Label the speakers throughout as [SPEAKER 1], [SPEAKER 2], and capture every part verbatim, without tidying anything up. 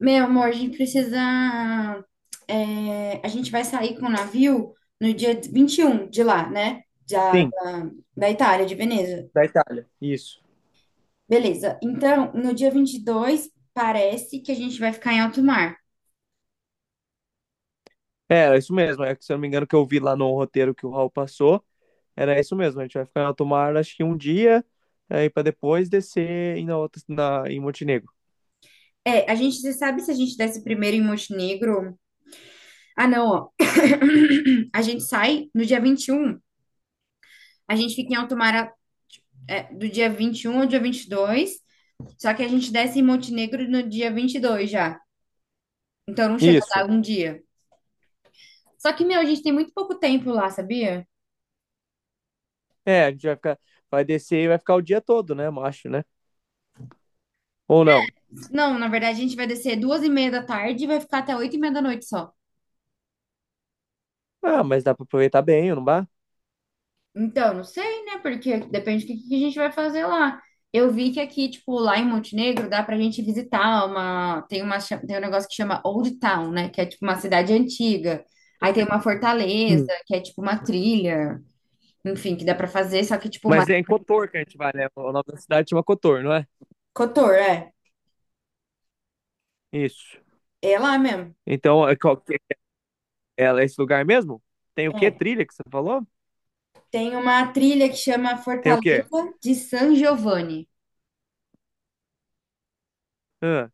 [SPEAKER 1] Meu amor, a gente precisa. É, a gente vai sair com o navio no dia vinte e um de lá, né? Da,
[SPEAKER 2] Sim,
[SPEAKER 1] da, da Itália, de Veneza.
[SPEAKER 2] da Itália. Isso.
[SPEAKER 1] Beleza. Então, no dia vinte e dois parece que a gente vai ficar em alto mar.
[SPEAKER 2] É, era isso mesmo. É que, se eu não me engano, que eu vi lá no roteiro que o Raul passou, era isso mesmo. A gente vai ficar na Tomar, acho que um dia, aí para depois descer em, na outra, na, em Montenegro.
[SPEAKER 1] É, a gente, você sabe se a gente desce primeiro em Montenegro? Ah, não, ó. A gente sai no dia vinte e um. A gente fica em alto mar, é, do dia vinte e um ao dia vinte e dois. Só que a gente desce em Montenegro no dia vinte e dois já. Então, não chega a
[SPEAKER 2] Isso.
[SPEAKER 1] dar um dia. Só que, meu, a gente tem muito pouco tempo lá, sabia?
[SPEAKER 2] É, a gente vai ficar, vai descer e vai ficar o dia todo, né, macho, né? Ou não?
[SPEAKER 1] Não, na verdade, a gente vai descer duas e meia da tarde e vai ficar até oito e meia da noite só.
[SPEAKER 2] Ah, mas dá para aproveitar bem, não dá?
[SPEAKER 1] Então, não sei, né? Porque depende do que, que a gente vai fazer lá. Eu vi que aqui, tipo, lá em Montenegro, dá pra gente visitar uma... Tem uma... cha- Tem um negócio que chama Old Town, né? Que é, tipo, uma cidade antiga. Aí tem uma fortaleza,
[SPEAKER 2] Hum.
[SPEAKER 1] que é, tipo, uma trilha. Enfim, que dá pra fazer, só que, tipo. uma...
[SPEAKER 2] Mas é em Cotor que a gente vai, né? O nome da cidade chama Cotor, não é?
[SPEAKER 1] Cotor, é.
[SPEAKER 2] Isso.
[SPEAKER 1] É lá mesmo.
[SPEAKER 2] Então, é qual que- é É esse lugar mesmo? Tem o quê?
[SPEAKER 1] É.
[SPEAKER 2] Trilha que você falou?
[SPEAKER 1] Tem uma trilha que chama
[SPEAKER 2] Tem o quê?
[SPEAKER 1] Fortaleza de San Giovanni.
[SPEAKER 2] Ah,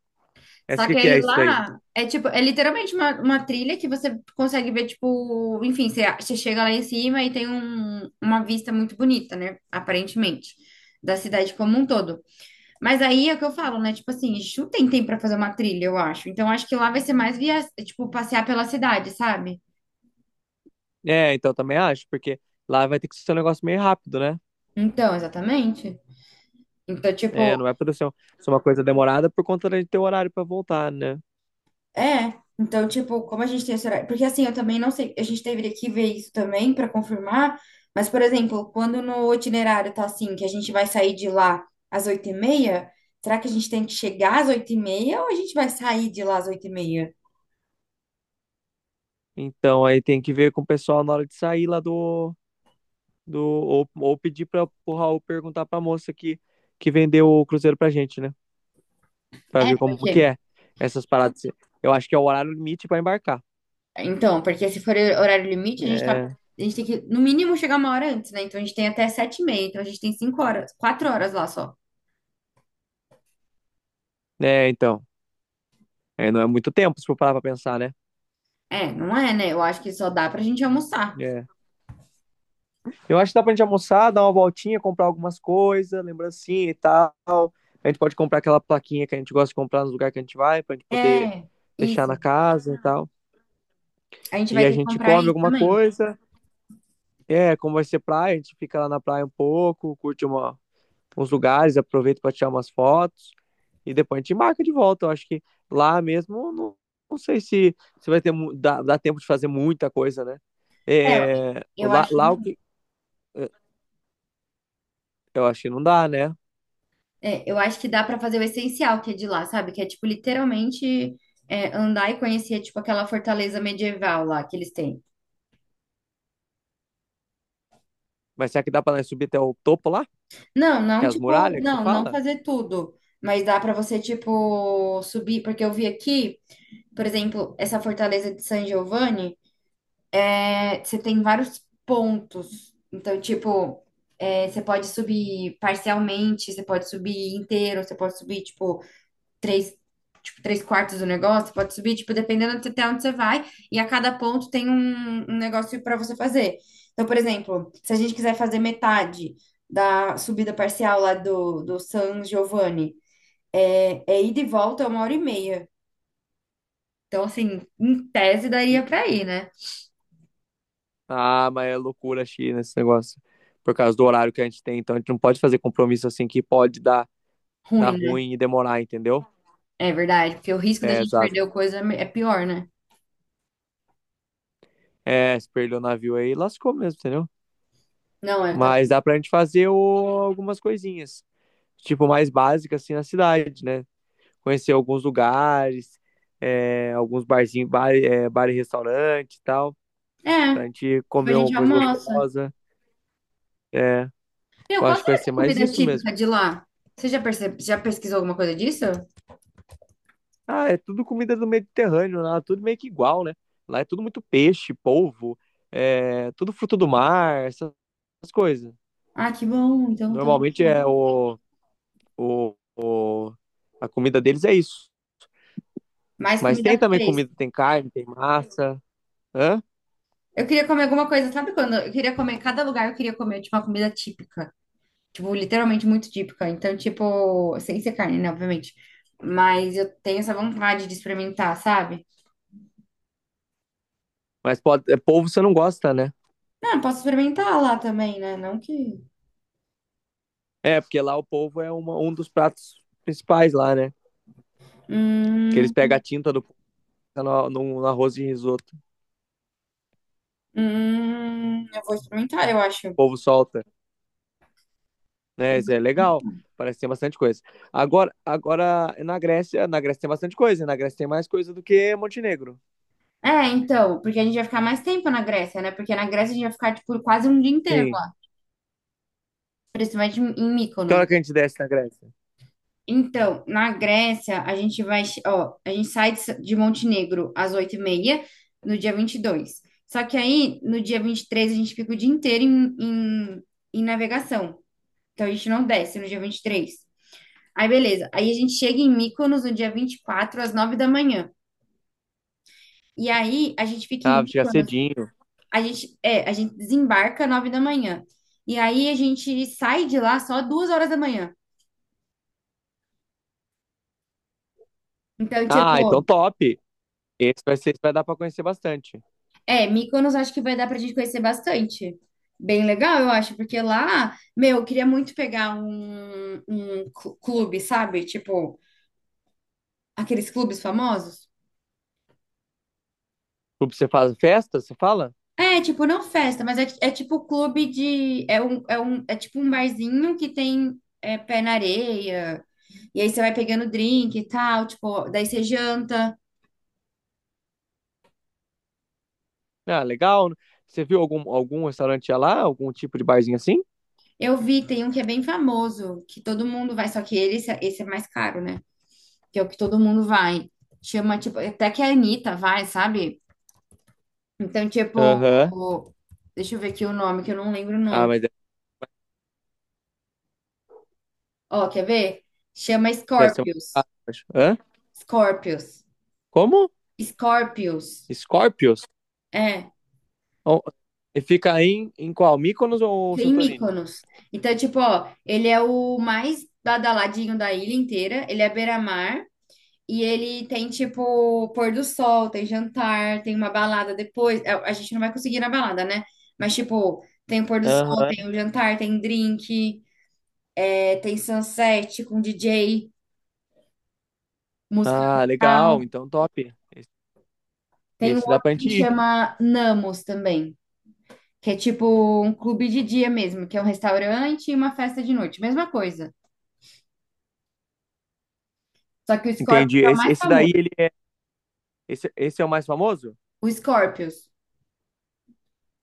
[SPEAKER 2] essa
[SPEAKER 1] Só que
[SPEAKER 2] que que
[SPEAKER 1] aí
[SPEAKER 2] é isso daí?
[SPEAKER 1] lá é tipo, é literalmente uma, uma trilha que você consegue ver, tipo, enfim, você, você chega lá em cima e tem um- uma vista muito bonita, né? Aparentemente, da cidade como um todo. Mas aí é o que eu falo, né? Tipo assim, chutem tem tempo pra fazer uma trilha, eu acho. Então acho que lá vai ser mais via, tipo, passear pela cidade, sabe?
[SPEAKER 2] É, então também acho, porque lá vai ter que ser um negócio meio rápido, né?
[SPEAKER 1] Então, exatamente. Então,
[SPEAKER 2] É,
[SPEAKER 1] tipo,
[SPEAKER 2] não vai poder ser, um- ser uma coisa demorada por conta de ter horário pra voltar, né?
[SPEAKER 1] É, então, tipo, como a gente tem esse horário. Porque assim, eu também não sei, a gente deveria que ver isso também para confirmar. Mas, por exemplo, quando no itinerário tá assim, que a gente vai sair de lá às oito e meia, será que a gente tem que chegar às oito e meia ou a gente vai sair de lá às oito e meia?
[SPEAKER 2] Então aí tem que ver com o pessoal na hora de sair lá do, do ou, ou pedir para o Raul perguntar pra moça que que vendeu o cruzeiro pra gente, né? Pra
[SPEAKER 1] É,
[SPEAKER 2] ver como que
[SPEAKER 1] porque.
[SPEAKER 2] é essas paradas. Eu acho que é o horário limite pra embarcar.
[SPEAKER 1] Então, porque se for horário limite, a gente tá.
[SPEAKER 2] É,
[SPEAKER 1] A gente tem que, no mínimo, chegar uma hora antes, né? Então a gente tem até sete e meia, então a gente tem cinco horas, quatro horas lá só.
[SPEAKER 2] é, então, é, não é muito tempo se for parar pra pensar, né?
[SPEAKER 1] É, não é, né? Eu acho que só dá pra gente almoçar.
[SPEAKER 2] É, Eu acho que dá pra gente almoçar, dar uma voltinha, comprar algumas coisas, lembrancinha e tal. A gente pode comprar aquela plaquinha que a gente gosta de comprar nos lugares que a gente vai, pra gente poder
[SPEAKER 1] É,
[SPEAKER 2] deixar
[SPEAKER 1] isso.
[SPEAKER 2] na casa e tal.
[SPEAKER 1] A gente
[SPEAKER 2] E
[SPEAKER 1] vai
[SPEAKER 2] a
[SPEAKER 1] ter que
[SPEAKER 2] gente
[SPEAKER 1] comprar
[SPEAKER 2] come
[SPEAKER 1] isso
[SPEAKER 2] alguma
[SPEAKER 1] também.
[SPEAKER 2] coisa. É, como vai ser praia, a gente fica lá na praia um pouco, curte uma, uns lugares, aproveita pra tirar umas fotos. E depois a gente marca de volta. Eu acho que lá mesmo, não, não sei se, se vai ter, mu- dá, dá tempo de fazer muita coisa, né?
[SPEAKER 1] É,
[SPEAKER 2] É,
[SPEAKER 1] eu
[SPEAKER 2] lá,
[SPEAKER 1] acho que,
[SPEAKER 2] lá o que. Eu acho que não dá, né?
[SPEAKER 1] é, eu acho que dá pra fazer o essencial que é de lá, sabe? Que é, tipo, literalmente é, andar e conhecer, tipo, aquela fortaleza medieval lá que eles têm.
[SPEAKER 2] Mas será que dá pra nós subir até o topo lá?
[SPEAKER 1] Não,
[SPEAKER 2] Que
[SPEAKER 1] não,
[SPEAKER 2] é as
[SPEAKER 1] tipo,
[SPEAKER 2] muralhas que você
[SPEAKER 1] não, não
[SPEAKER 2] fala?
[SPEAKER 1] fazer tudo. Mas dá pra você, tipo, subir. Porque eu vi aqui, por exemplo, essa fortaleza de San Giovanni, é, você tem vários pontos. Então, tipo, é, você pode subir parcialmente, você pode subir inteiro, você pode subir, tipo, três, tipo, três quartos do negócio, pode subir, tipo, dependendo até onde você vai, e a cada ponto tem um, um negócio para você fazer. Então, por exemplo, se a gente quiser fazer metade da subida parcial lá do, do San Giovanni, é, é ida e volta uma hora e meia. Então, assim, em tese daria
[SPEAKER 2] E-
[SPEAKER 1] para ir, né?
[SPEAKER 2] Ah, mas é loucura, China, esse negócio. Por causa do horário que a gente tem. Então a gente não pode fazer compromisso assim que pode dar, dar
[SPEAKER 1] Ruim, né?
[SPEAKER 2] ruim e demorar, entendeu?
[SPEAKER 1] É verdade, porque o risco da
[SPEAKER 2] É,
[SPEAKER 1] gente perder
[SPEAKER 2] exato.
[SPEAKER 1] coisa é pior, né?
[SPEAKER 2] É, se perdeu o navio aí, lascou mesmo, entendeu?
[SPEAKER 1] Não, é, tá...
[SPEAKER 2] Mas dá pra gente fazer o- algumas coisinhas. Tipo, mais básicas assim na cidade, né? Conhecer alguns lugares, é, alguns barzinhos, bar, é, bar e restaurante e tal.
[SPEAKER 1] É,
[SPEAKER 2] Pra gente
[SPEAKER 1] tipo, a
[SPEAKER 2] comer uma
[SPEAKER 1] gente
[SPEAKER 2] coisa
[SPEAKER 1] almoça.
[SPEAKER 2] gostosa. É,
[SPEAKER 1] Meu,
[SPEAKER 2] eu
[SPEAKER 1] qual
[SPEAKER 2] acho que vai
[SPEAKER 1] será que é
[SPEAKER 2] ser
[SPEAKER 1] a
[SPEAKER 2] mais
[SPEAKER 1] comida
[SPEAKER 2] isso mesmo.
[SPEAKER 1] típica de lá? Você já percebe, já pesquisou alguma coisa disso?
[SPEAKER 2] Ah, é tudo comida do Mediterrâneo, lá, tudo meio que igual, né? Lá é tudo muito peixe, polvo, é tudo fruto do mar, essas coisas.
[SPEAKER 1] Ah, que bom. Então tá
[SPEAKER 2] Normalmente é o, o, o- a comida deles é isso.
[SPEAKER 1] mais
[SPEAKER 2] Mas tem
[SPEAKER 1] comida
[SPEAKER 2] também
[SPEAKER 1] fresca.
[SPEAKER 2] comida, tem carne, tem massa, hã?
[SPEAKER 1] Eu queria comer alguma coisa, sabe quando? Eu queria comer, cada lugar eu queria comer tipo, uma comida típica. Tipo, literalmente muito típica. Então, tipo, sem ser carne, né, obviamente. Mas eu tenho essa vontade de experimentar, sabe?
[SPEAKER 2] Mas pode, é, polvo você não gosta, né?
[SPEAKER 1] Ah, posso experimentar lá também, né? Não que.
[SPEAKER 2] É, porque lá o polvo é uma- um dos pratos principais lá, né? Que eles
[SPEAKER 1] Hum,
[SPEAKER 2] pegam a tinta do polvo no, no, no arroz de risoto, o
[SPEAKER 1] hum, eu vou experimentar, eu acho.
[SPEAKER 2] polvo solta. Né? Isso é legal. Parece que tem bastante coisa. Agora, agora na Grécia, na Grécia tem bastante coisa. Na Grécia tem mais coisa do que Montenegro.
[SPEAKER 1] É, então, porque a gente vai ficar mais tempo na Grécia, né? Porque na Grécia a gente vai ficar, tipo, quase um dia inteiro,
[SPEAKER 2] Sim.
[SPEAKER 1] lá, principalmente em em
[SPEAKER 2] Que hora que a
[SPEAKER 1] Mykonos.
[SPEAKER 2] gente desce na Grécia?
[SPEAKER 1] Então, na Grécia, a gente vai, che- ó, a gente sai de S- de Montenegro às oito e meia no dia vinte e dois. Só que aí, no dia vinte e três a gente fica o dia inteiro em, em, em navegação. Então, a gente não desce no dia vinte e três. Aí, beleza. Aí, a gente chega em Mykonos no dia vinte e quatro às nove da manhã. E aí, a gente fica em
[SPEAKER 2] Ah, vai chegar
[SPEAKER 1] Mykonos,
[SPEAKER 2] cedinho.
[SPEAKER 1] a gente, é, a gente desembarca às nove da manhã. E aí, a gente sai de lá só duas horas da manhã. Então,
[SPEAKER 2] Ah, então
[SPEAKER 1] tipo,
[SPEAKER 2] top. Esse vai ser, vai dar para conhecer bastante.
[SPEAKER 1] É, Mykonos acho que vai dar pra gente conhecer bastante. Bem legal, eu acho, porque lá, meu, eu queria muito pegar um, um cl- clube, sabe? Tipo, aqueles clubes famosos.
[SPEAKER 2] Tipo, você faz festa, você fala?
[SPEAKER 1] É, tipo, não festa, mas é, é tipo clube de. É, um, é, um, é tipo um barzinho que tem é, pé na areia. E aí você vai pegando drink e tal, tipo, daí você janta.
[SPEAKER 2] Ah, legal. Você viu algum, algum restaurante lá? Algum tipo de barzinho assim?
[SPEAKER 1] Eu vi, tem um que é bem famoso, que todo mundo vai, só que ele, esse é esse é mais caro, né? Que é o que todo mundo vai. Chama, tipo, até que a Anitta vai, sabe? Então, tipo,
[SPEAKER 2] Aham.
[SPEAKER 1] o- deixa eu ver aqui o nome, que eu não lembro o
[SPEAKER 2] Ah,
[SPEAKER 1] nome.
[SPEAKER 2] mas deve,
[SPEAKER 1] Ó, quer ver? Chama
[SPEAKER 2] deve ser mais
[SPEAKER 1] Scorpius.
[SPEAKER 2] caro, eu acho. Hã?
[SPEAKER 1] Scorpius.
[SPEAKER 2] Como?
[SPEAKER 1] Scorpius.
[SPEAKER 2] Scorpios?
[SPEAKER 1] É,
[SPEAKER 2] Oh, e fica aí em, em qual? Mykonos ou
[SPEAKER 1] fica em
[SPEAKER 2] Santorini?
[SPEAKER 1] Mykonos. Então, tipo, ó, ele é o mais badaladinho da ilha inteira, ele é beira-mar. E ele tem, tipo, pôr do sol, tem jantar, tem uma balada depois. A a gente não vai conseguir ir na balada, né? Mas, tipo, tem o pôr do sol,
[SPEAKER 2] Aham.
[SPEAKER 1] tem o jantar, tem drink, é, tem sunset com D J, música
[SPEAKER 2] Ah, legal.
[SPEAKER 1] local.
[SPEAKER 2] Então, top. Esse,
[SPEAKER 1] Tem um
[SPEAKER 2] esse dá
[SPEAKER 1] outro
[SPEAKER 2] pra
[SPEAKER 1] que
[SPEAKER 2] gente ir.
[SPEAKER 1] chama Namos também, que é tipo um clube de dia mesmo, que é um restaurante e uma festa de noite. Mesma coisa. Só que o
[SPEAKER 2] Entendi.
[SPEAKER 1] Scorpios é o
[SPEAKER 2] Esse,
[SPEAKER 1] mais
[SPEAKER 2] esse daí,
[SPEAKER 1] famoso.
[SPEAKER 2] ele é. Esse, esse é o mais famoso?
[SPEAKER 1] O Scorpios.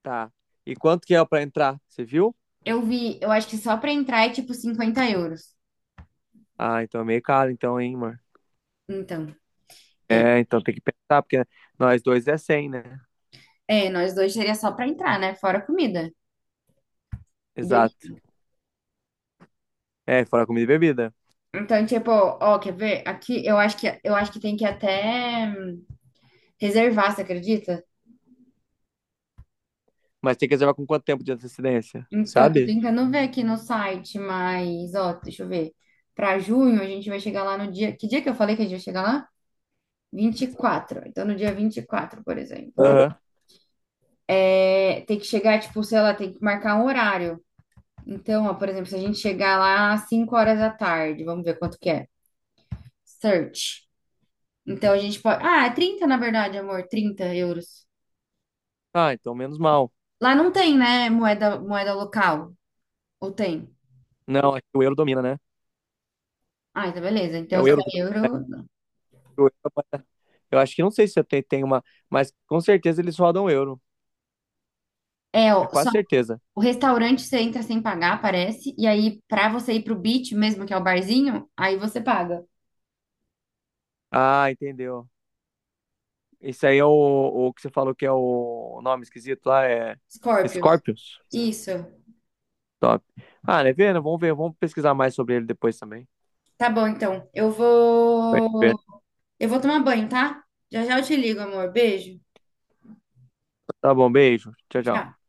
[SPEAKER 2] Tá. E quanto que é pra entrar? Você viu?
[SPEAKER 1] Eu vi, eu acho que só pra entrar é tipo cinquenta euros.
[SPEAKER 2] Ah, então é meio caro, então, hein, amor?
[SPEAKER 1] Então. é
[SPEAKER 2] É, então tem que pensar, porque nós dois é cem, né?
[SPEAKER 1] É, nós dois seria só pra entrar, né? Fora comida e bebida.
[SPEAKER 2] Exato. É, fora comida e bebida.
[SPEAKER 1] Então, tipo, ó, quer ver? Aqui eu acho que eu acho que tem que até hum, reservar, você acredita?
[SPEAKER 2] Mas tem que reservar com quanto tempo de antecedência?
[SPEAKER 1] Então, eu tô
[SPEAKER 2] Sabe?
[SPEAKER 1] tentando ver aqui no site, mas ó, deixa eu ver. Pra junho a gente vai chegar lá no dia. Que dia que eu falei que a gente vai chegar lá? Vinte e quatro. Então, no dia vinte e quatro, por exemplo.
[SPEAKER 2] Aham.
[SPEAKER 1] É, tem que chegar, tipo, sei lá, tem que marcar um horário. Então, ó, por exemplo, se a gente chegar lá às cinco horas da tarde, vamos ver quanto que é. Search. Então a gente pode. Ah, é trinta na verdade, amor, trinta euros.
[SPEAKER 2] Ah, então menos mal.
[SPEAKER 1] Lá não tem, né, moeda, moeda local? Ou tem?
[SPEAKER 2] Não, acho que o euro domina, né?
[SPEAKER 1] Ah, então beleza.
[SPEAKER 2] É
[SPEAKER 1] Então
[SPEAKER 2] o
[SPEAKER 1] se
[SPEAKER 2] euro que
[SPEAKER 1] é euro.
[SPEAKER 2] o euro é- Eu acho que não sei se eu tenho, tenho uma. Mas com certeza eles rodam o euro.
[SPEAKER 1] É,
[SPEAKER 2] É
[SPEAKER 1] ó, só
[SPEAKER 2] quase certeza.
[SPEAKER 1] o restaurante você entra sem pagar, parece. E aí, pra você ir pro beach mesmo, que é o barzinho, aí você paga.
[SPEAKER 2] Ah, entendeu. Esse aí é o, o que você falou que é o nome esquisito lá, é
[SPEAKER 1] Scorpios.
[SPEAKER 2] Scorpions.
[SPEAKER 1] Isso.
[SPEAKER 2] Top. Ah, né, vendo? Vamos ver, vamos pesquisar mais sobre ele depois também.
[SPEAKER 1] Tá bom, então. Eu
[SPEAKER 2] Vai ver.
[SPEAKER 1] vou. Eu vou tomar banho, tá? Já já eu te ligo, amor. Beijo.
[SPEAKER 2] Tá bom, beijo. Tchau,
[SPEAKER 1] Tchau.
[SPEAKER 2] tchau.